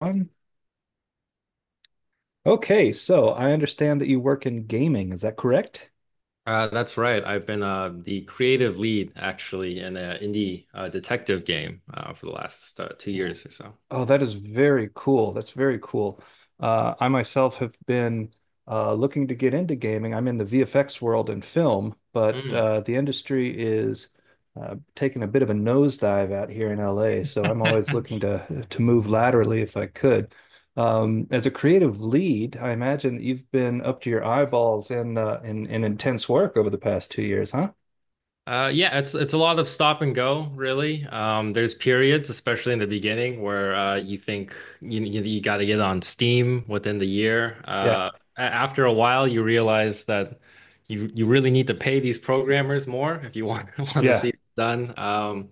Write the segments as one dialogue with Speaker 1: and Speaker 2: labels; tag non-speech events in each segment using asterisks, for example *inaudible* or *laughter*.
Speaker 1: Um, okay, so I understand that you work in gaming. Is that correct?
Speaker 2: That's right. I've been the creative lead actually in an indie detective game for the last 2 years or so.
Speaker 1: Oh, that is very cool. That's very cool. I myself have been looking to get into gaming. I'm in the VFX world and film, but
Speaker 2: Mm.
Speaker 1: the industry is taking a bit of a nosedive out here in LA. So I'm always looking to move laterally if I could. As a creative lead, I imagine that you've been up to your eyeballs in in intense work over the past 2 years, huh?
Speaker 2: Yeah, it's a lot of stop and go, really. There's periods, especially in the beginning, where you think you got to get on Steam within the year.
Speaker 1: Yeah.
Speaker 2: After a while, you realize that you really need to pay these programmers more if you want *laughs* want to
Speaker 1: Yeah.
Speaker 2: see it done. Um,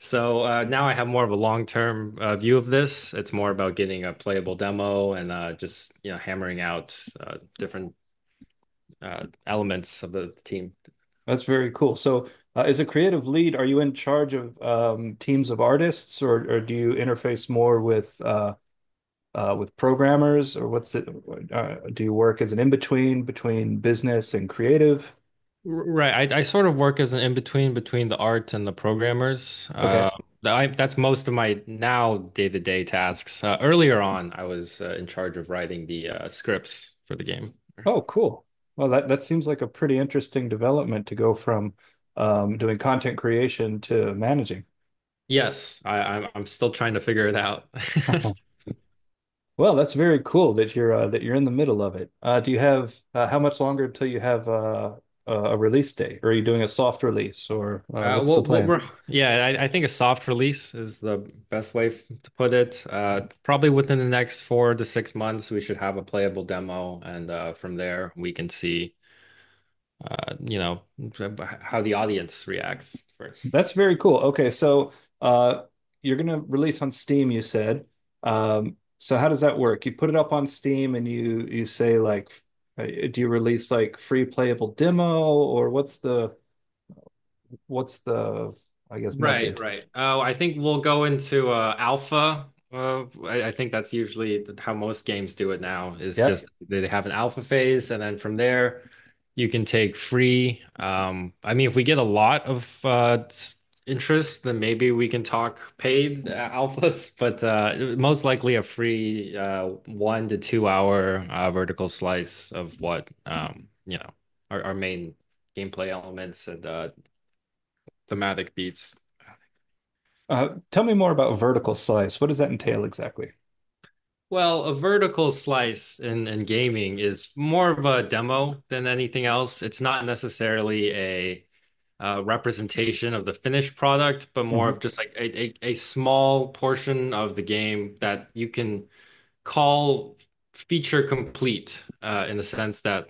Speaker 2: So uh, now I have more of a long-term view of this. It's more about getting a playable demo and just hammering out different elements of the team.
Speaker 1: That's very cool. So, as a creative lead, are you in charge of teams of artists, or do you interface more with programmers, or what's it? Do you work as an in-between between business and creative?
Speaker 2: Right. I sort of work as an in-between between the art and the programmers.
Speaker 1: Okay.
Speaker 2: That's most of my now day-to-day tasks. Earlier on, I was in charge of writing the scripts for the game.
Speaker 1: Oh, cool. Well, that seems like a pretty interesting development to go from doing content creation to managing.
Speaker 2: Yes, I'm still trying to figure it out. *laughs*
Speaker 1: *laughs* Well, that's very cool that you're in the middle of it. Do you have how much longer until you have a release date? Or are you doing a soft release, or what's the
Speaker 2: Well, what
Speaker 1: plan?
Speaker 2: we're yeah, I think a soft release is the best way to put it. Probably within the next 4 to 6 months, we should have a playable demo, and from there we can see, you know, how the audience reacts first.
Speaker 1: That's very cool. Okay, so uh, you're gonna release on Steam, you said. So how does that work? You put it up on Steam and you say like, do you release like free playable demo or what's the I guess
Speaker 2: Right,
Speaker 1: method?
Speaker 2: right. Oh, I think we'll go into alpha. I think that's usually how most games do it now, is just
Speaker 1: Yep.
Speaker 2: they have an alpha phase, and then from there you can take free. I mean, if we get a lot of interest, then maybe we can talk paid alphas, *laughs* but most likely a free 1 to 2 hour vertical slice of what our main gameplay elements and thematic beats.
Speaker 1: Tell me more about vertical slice. What does that entail exactly?
Speaker 2: Well, a vertical slice in gaming is more of a demo than anything else. It's not necessarily a representation of the finished product, but more
Speaker 1: Mhm.
Speaker 2: of just like a small portion of the game that you can call feature complete in the sense that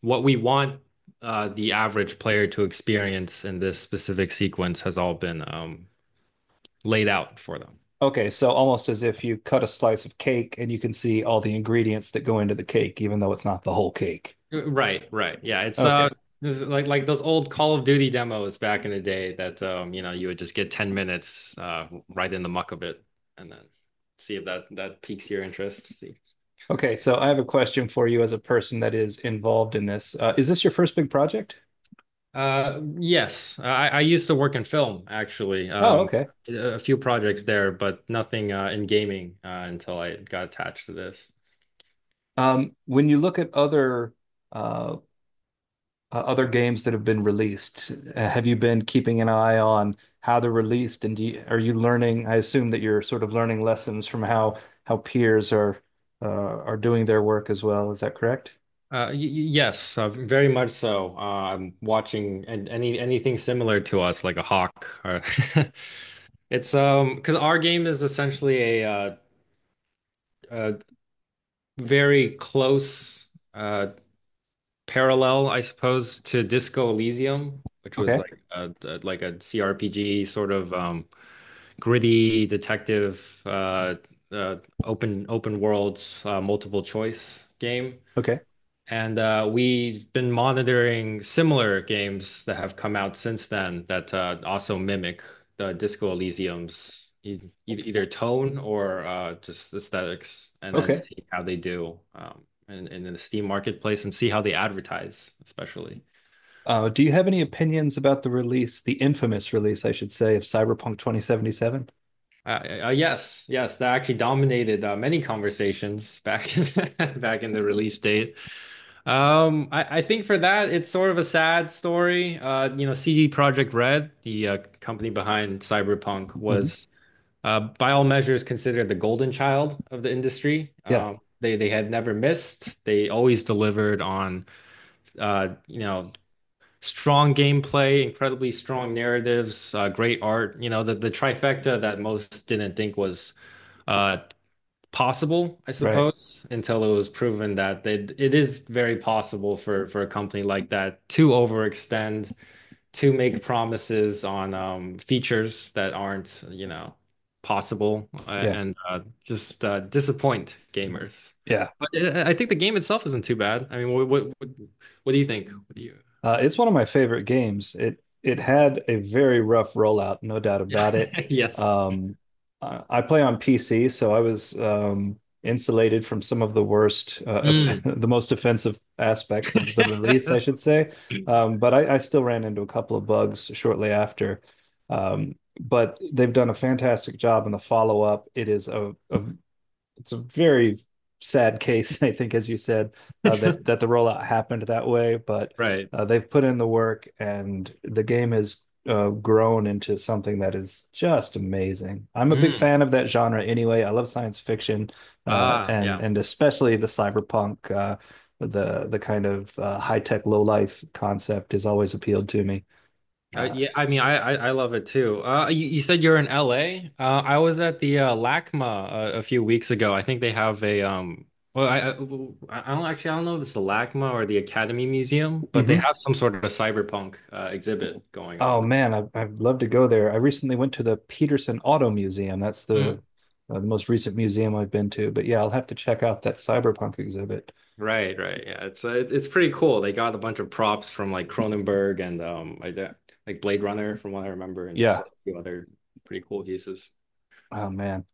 Speaker 2: what we want the average player to experience in this specific sequence has all been laid out for them.
Speaker 1: Okay, so almost as if you cut a slice of cake and you can see all the ingredients that go into the cake, even though it's not the whole cake.
Speaker 2: Right, right. Yeah, it's
Speaker 1: Okay.
Speaker 2: This is like those old Call of Duty demos back in the day that you would just get 10 minutes right in the muck of it and then see if that piques your interest. See.
Speaker 1: Okay, so I have a question for you as a person that is involved in this. Is this your first big project?
Speaker 2: Yes, I used to work in film actually.
Speaker 1: Oh, okay.
Speaker 2: A few projects there but nothing in gaming until I got attached to this.
Speaker 1: When you look at other uh, other games that have been released, have you been keeping an eye on how they're released, and do you, are you learning? I assume that you're sort of learning lessons from how peers are doing their work as well. Is that correct?
Speaker 2: Yes, very much so. I'm watching and any anything similar to us like a hawk or *laughs* it's because our game is essentially a very close uh parallel, I suppose, to Disco Elysium, which was
Speaker 1: Okay,
Speaker 2: like a CRPG sort of gritty detective uh open world, multiple choice game.
Speaker 1: okay,
Speaker 2: And we've been monitoring similar games that have come out since then that also mimic the Disco Elysium's either tone or just aesthetics, and then
Speaker 1: okay.
Speaker 2: see how they do in the Steam marketplace and see how they advertise, especially.
Speaker 1: Do you have any opinions about the release, the infamous release, I should say, of Cyberpunk 2077?
Speaker 2: Yes, that actually dominated many conversations back in, *laughs* back in the release date. I think for that it's sort of a sad story. You know, CD Projekt Red, the company behind Cyberpunk,
Speaker 1: Mhm.
Speaker 2: was by all measures considered the golden child of the industry.
Speaker 1: Yeah,
Speaker 2: They had never missed. They always delivered on, uh, you know, strong gameplay, incredibly strong narratives, great art. You know, the trifecta that most didn't think was uh possible, I
Speaker 1: right.
Speaker 2: suppose, until it was proven that it is very possible for a company like that to overextend, to make promises on features that aren't, you know, possible, uh,
Speaker 1: Yeah,
Speaker 2: and uh, just uh, disappoint gamers.
Speaker 1: yeah.
Speaker 2: But I think the game itself isn't too bad. I mean, what do you think? What do you? *laughs*
Speaker 1: It's one of my favorite games. It had a very rough rollout, no doubt
Speaker 2: Yeah.
Speaker 1: about it.
Speaker 2: Yes.
Speaker 1: Um, I play on PC, so I was insulated from some of the worst, off *laughs*
Speaker 2: Mm.
Speaker 1: the most offensive aspects of the release, I should say.
Speaker 2: *laughs*
Speaker 1: But I still ran into a couple of bugs shortly after. But they've done a fantastic job in the follow-up. It is a it's a very sad case, *laughs* I think, as you said, that the rollout happened that way. But
Speaker 2: Right.
Speaker 1: they've put in the work, and the game has grown into something that is just amazing. I'm a big
Speaker 2: Mm.
Speaker 1: fan of that genre anyway. I love science fiction,
Speaker 2: Ah, yeah.
Speaker 1: and especially the cyberpunk, the kind of high tech low life concept has always appealed to me.
Speaker 2: Uh,
Speaker 1: Uh,
Speaker 2: yeah, I mean, I love it too. You said you're in LA. I was at the LACMA a few weeks ago. I think they have a Well, I don't actually I don't know if it's the LACMA or the Academy Museum, but they
Speaker 1: mhm.
Speaker 2: have some sort of a cyberpunk exhibit going
Speaker 1: Oh
Speaker 2: on.
Speaker 1: man, I'd love to go there. I recently went to the Peterson Auto Museum. That's
Speaker 2: Mm,
Speaker 1: the most recent museum I've been to. But yeah, I'll have to check out that cyberpunk exhibit.
Speaker 2: right, right. Yeah, it's pretty cool. They got a bunch of props from like Cronenberg and like that, like Blade Runner from what I remember, and just
Speaker 1: Yeah.
Speaker 2: like, a few other pretty cool pieces.
Speaker 1: Oh man.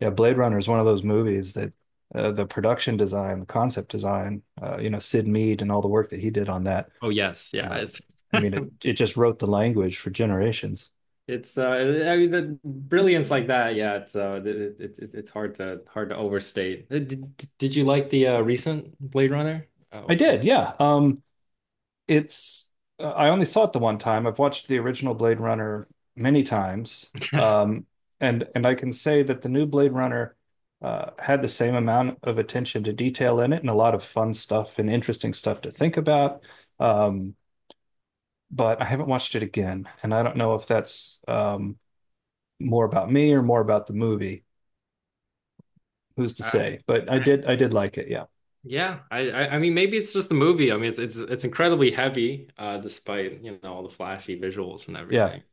Speaker 1: Yeah, Blade Runner is one of those movies that the production design, the concept design, you know, Sid Mead and all the work that he did on that.
Speaker 2: Oh yes, yeah.
Speaker 1: Uh,
Speaker 2: It's
Speaker 1: I
Speaker 2: *laughs*
Speaker 1: mean, it just wrote the language for generations.
Speaker 2: It's I mean the brilliance like that, yeah. It's it's hard to overstate. Did you like the recent Blade Runner?
Speaker 1: I
Speaker 2: Oh,
Speaker 1: did, yeah. It's I only saw it the one time. I've watched the original Blade Runner many times.
Speaker 2: *laughs* uh,
Speaker 1: And I can say that the new Blade Runner had the same amount of attention to detail in it and a lot of fun stuff and interesting stuff to think about. Um, but I haven't watched it again, and I don't know if that's more about me or more about the movie. Who's to say? But I did like it. Yeah.
Speaker 2: yeah. I mean maybe it's just the movie. I mean it's incredibly heavy, despite you know all the flashy visuals and
Speaker 1: Yeah.
Speaker 2: everything.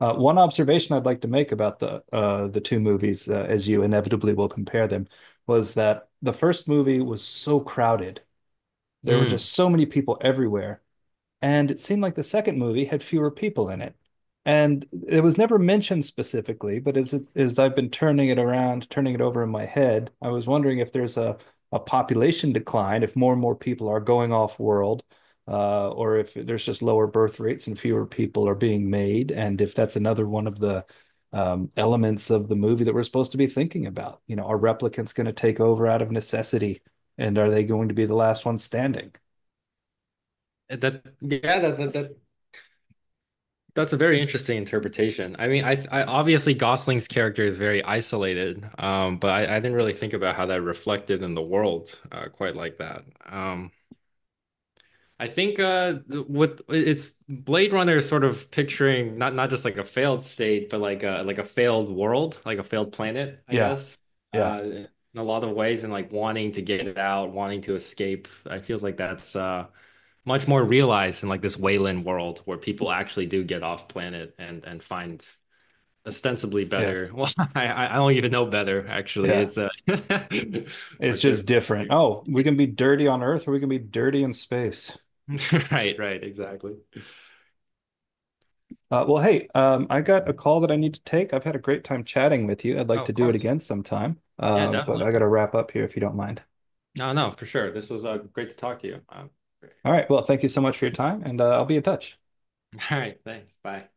Speaker 1: One observation I'd like to make about the two movies, as you inevitably will compare them, was that the first movie was so crowded. There were
Speaker 2: Hmm.
Speaker 1: just so many people everywhere and it seemed like the second movie had fewer people in it. And it was never mentioned specifically, but as I've been turning it around, turning it over in my head, I was wondering if there's a population decline, if more and more people are going off world, or if there's just lower birth rates and fewer people are being made, and if that's another one of the elements of the movie that we're supposed to be thinking about. You know, are replicants going to take over out of necessity, and are they going to be the last ones standing?
Speaker 2: That, that's a very interesting interpretation. I mean I obviously Gosling's character is very isolated, but I didn't really think about how that reflected in the world quite like that. Um. I think with it's Blade Runner is sort of picturing not just like a failed state, but like a failed world, like a failed planet, I
Speaker 1: Yeah,
Speaker 2: guess.
Speaker 1: yeah,
Speaker 2: In A lot of ways and like wanting to get it out, wanting to escape. I feels like that's much more realized in like this Wayland world where people actually do get off planet and find ostensibly
Speaker 1: yeah,
Speaker 2: better. *laughs* Well, I don't even know better actually.
Speaker 1: yeah.
Speaker 2: It's *laughs*
Speaker 1: It's
Speaker 2: but
Speaker 1: just
Speaker 2: different.
Speaker 1: different. Oh, we can be dirty on Earth or we can be dirty in space.
Speaker 2: *laughs* Right, right, exactly.
Speaker 1: Well, hey, I got a call that I need to take. I've had a great time chatting with you. I'd
Speaker 2: Oh,
Speaker 1: like to
Speaker 2: of
Speaker 1: do it
Speaker 2: course.
Speaker 1: again sometime,
Speaker 2: Yeah,
Speaker 1: but
Speaker 2: definitely.
Speaker 1: I got to wrap up here if you don't mind.
Speaker 2: No, no, for sure. This was great to talk to you. Great.
Speaker 1: All right. Well, thank you so much for your time, and I'll be in touch.
Speaker 2: *laughs* All right, thanks. Bye.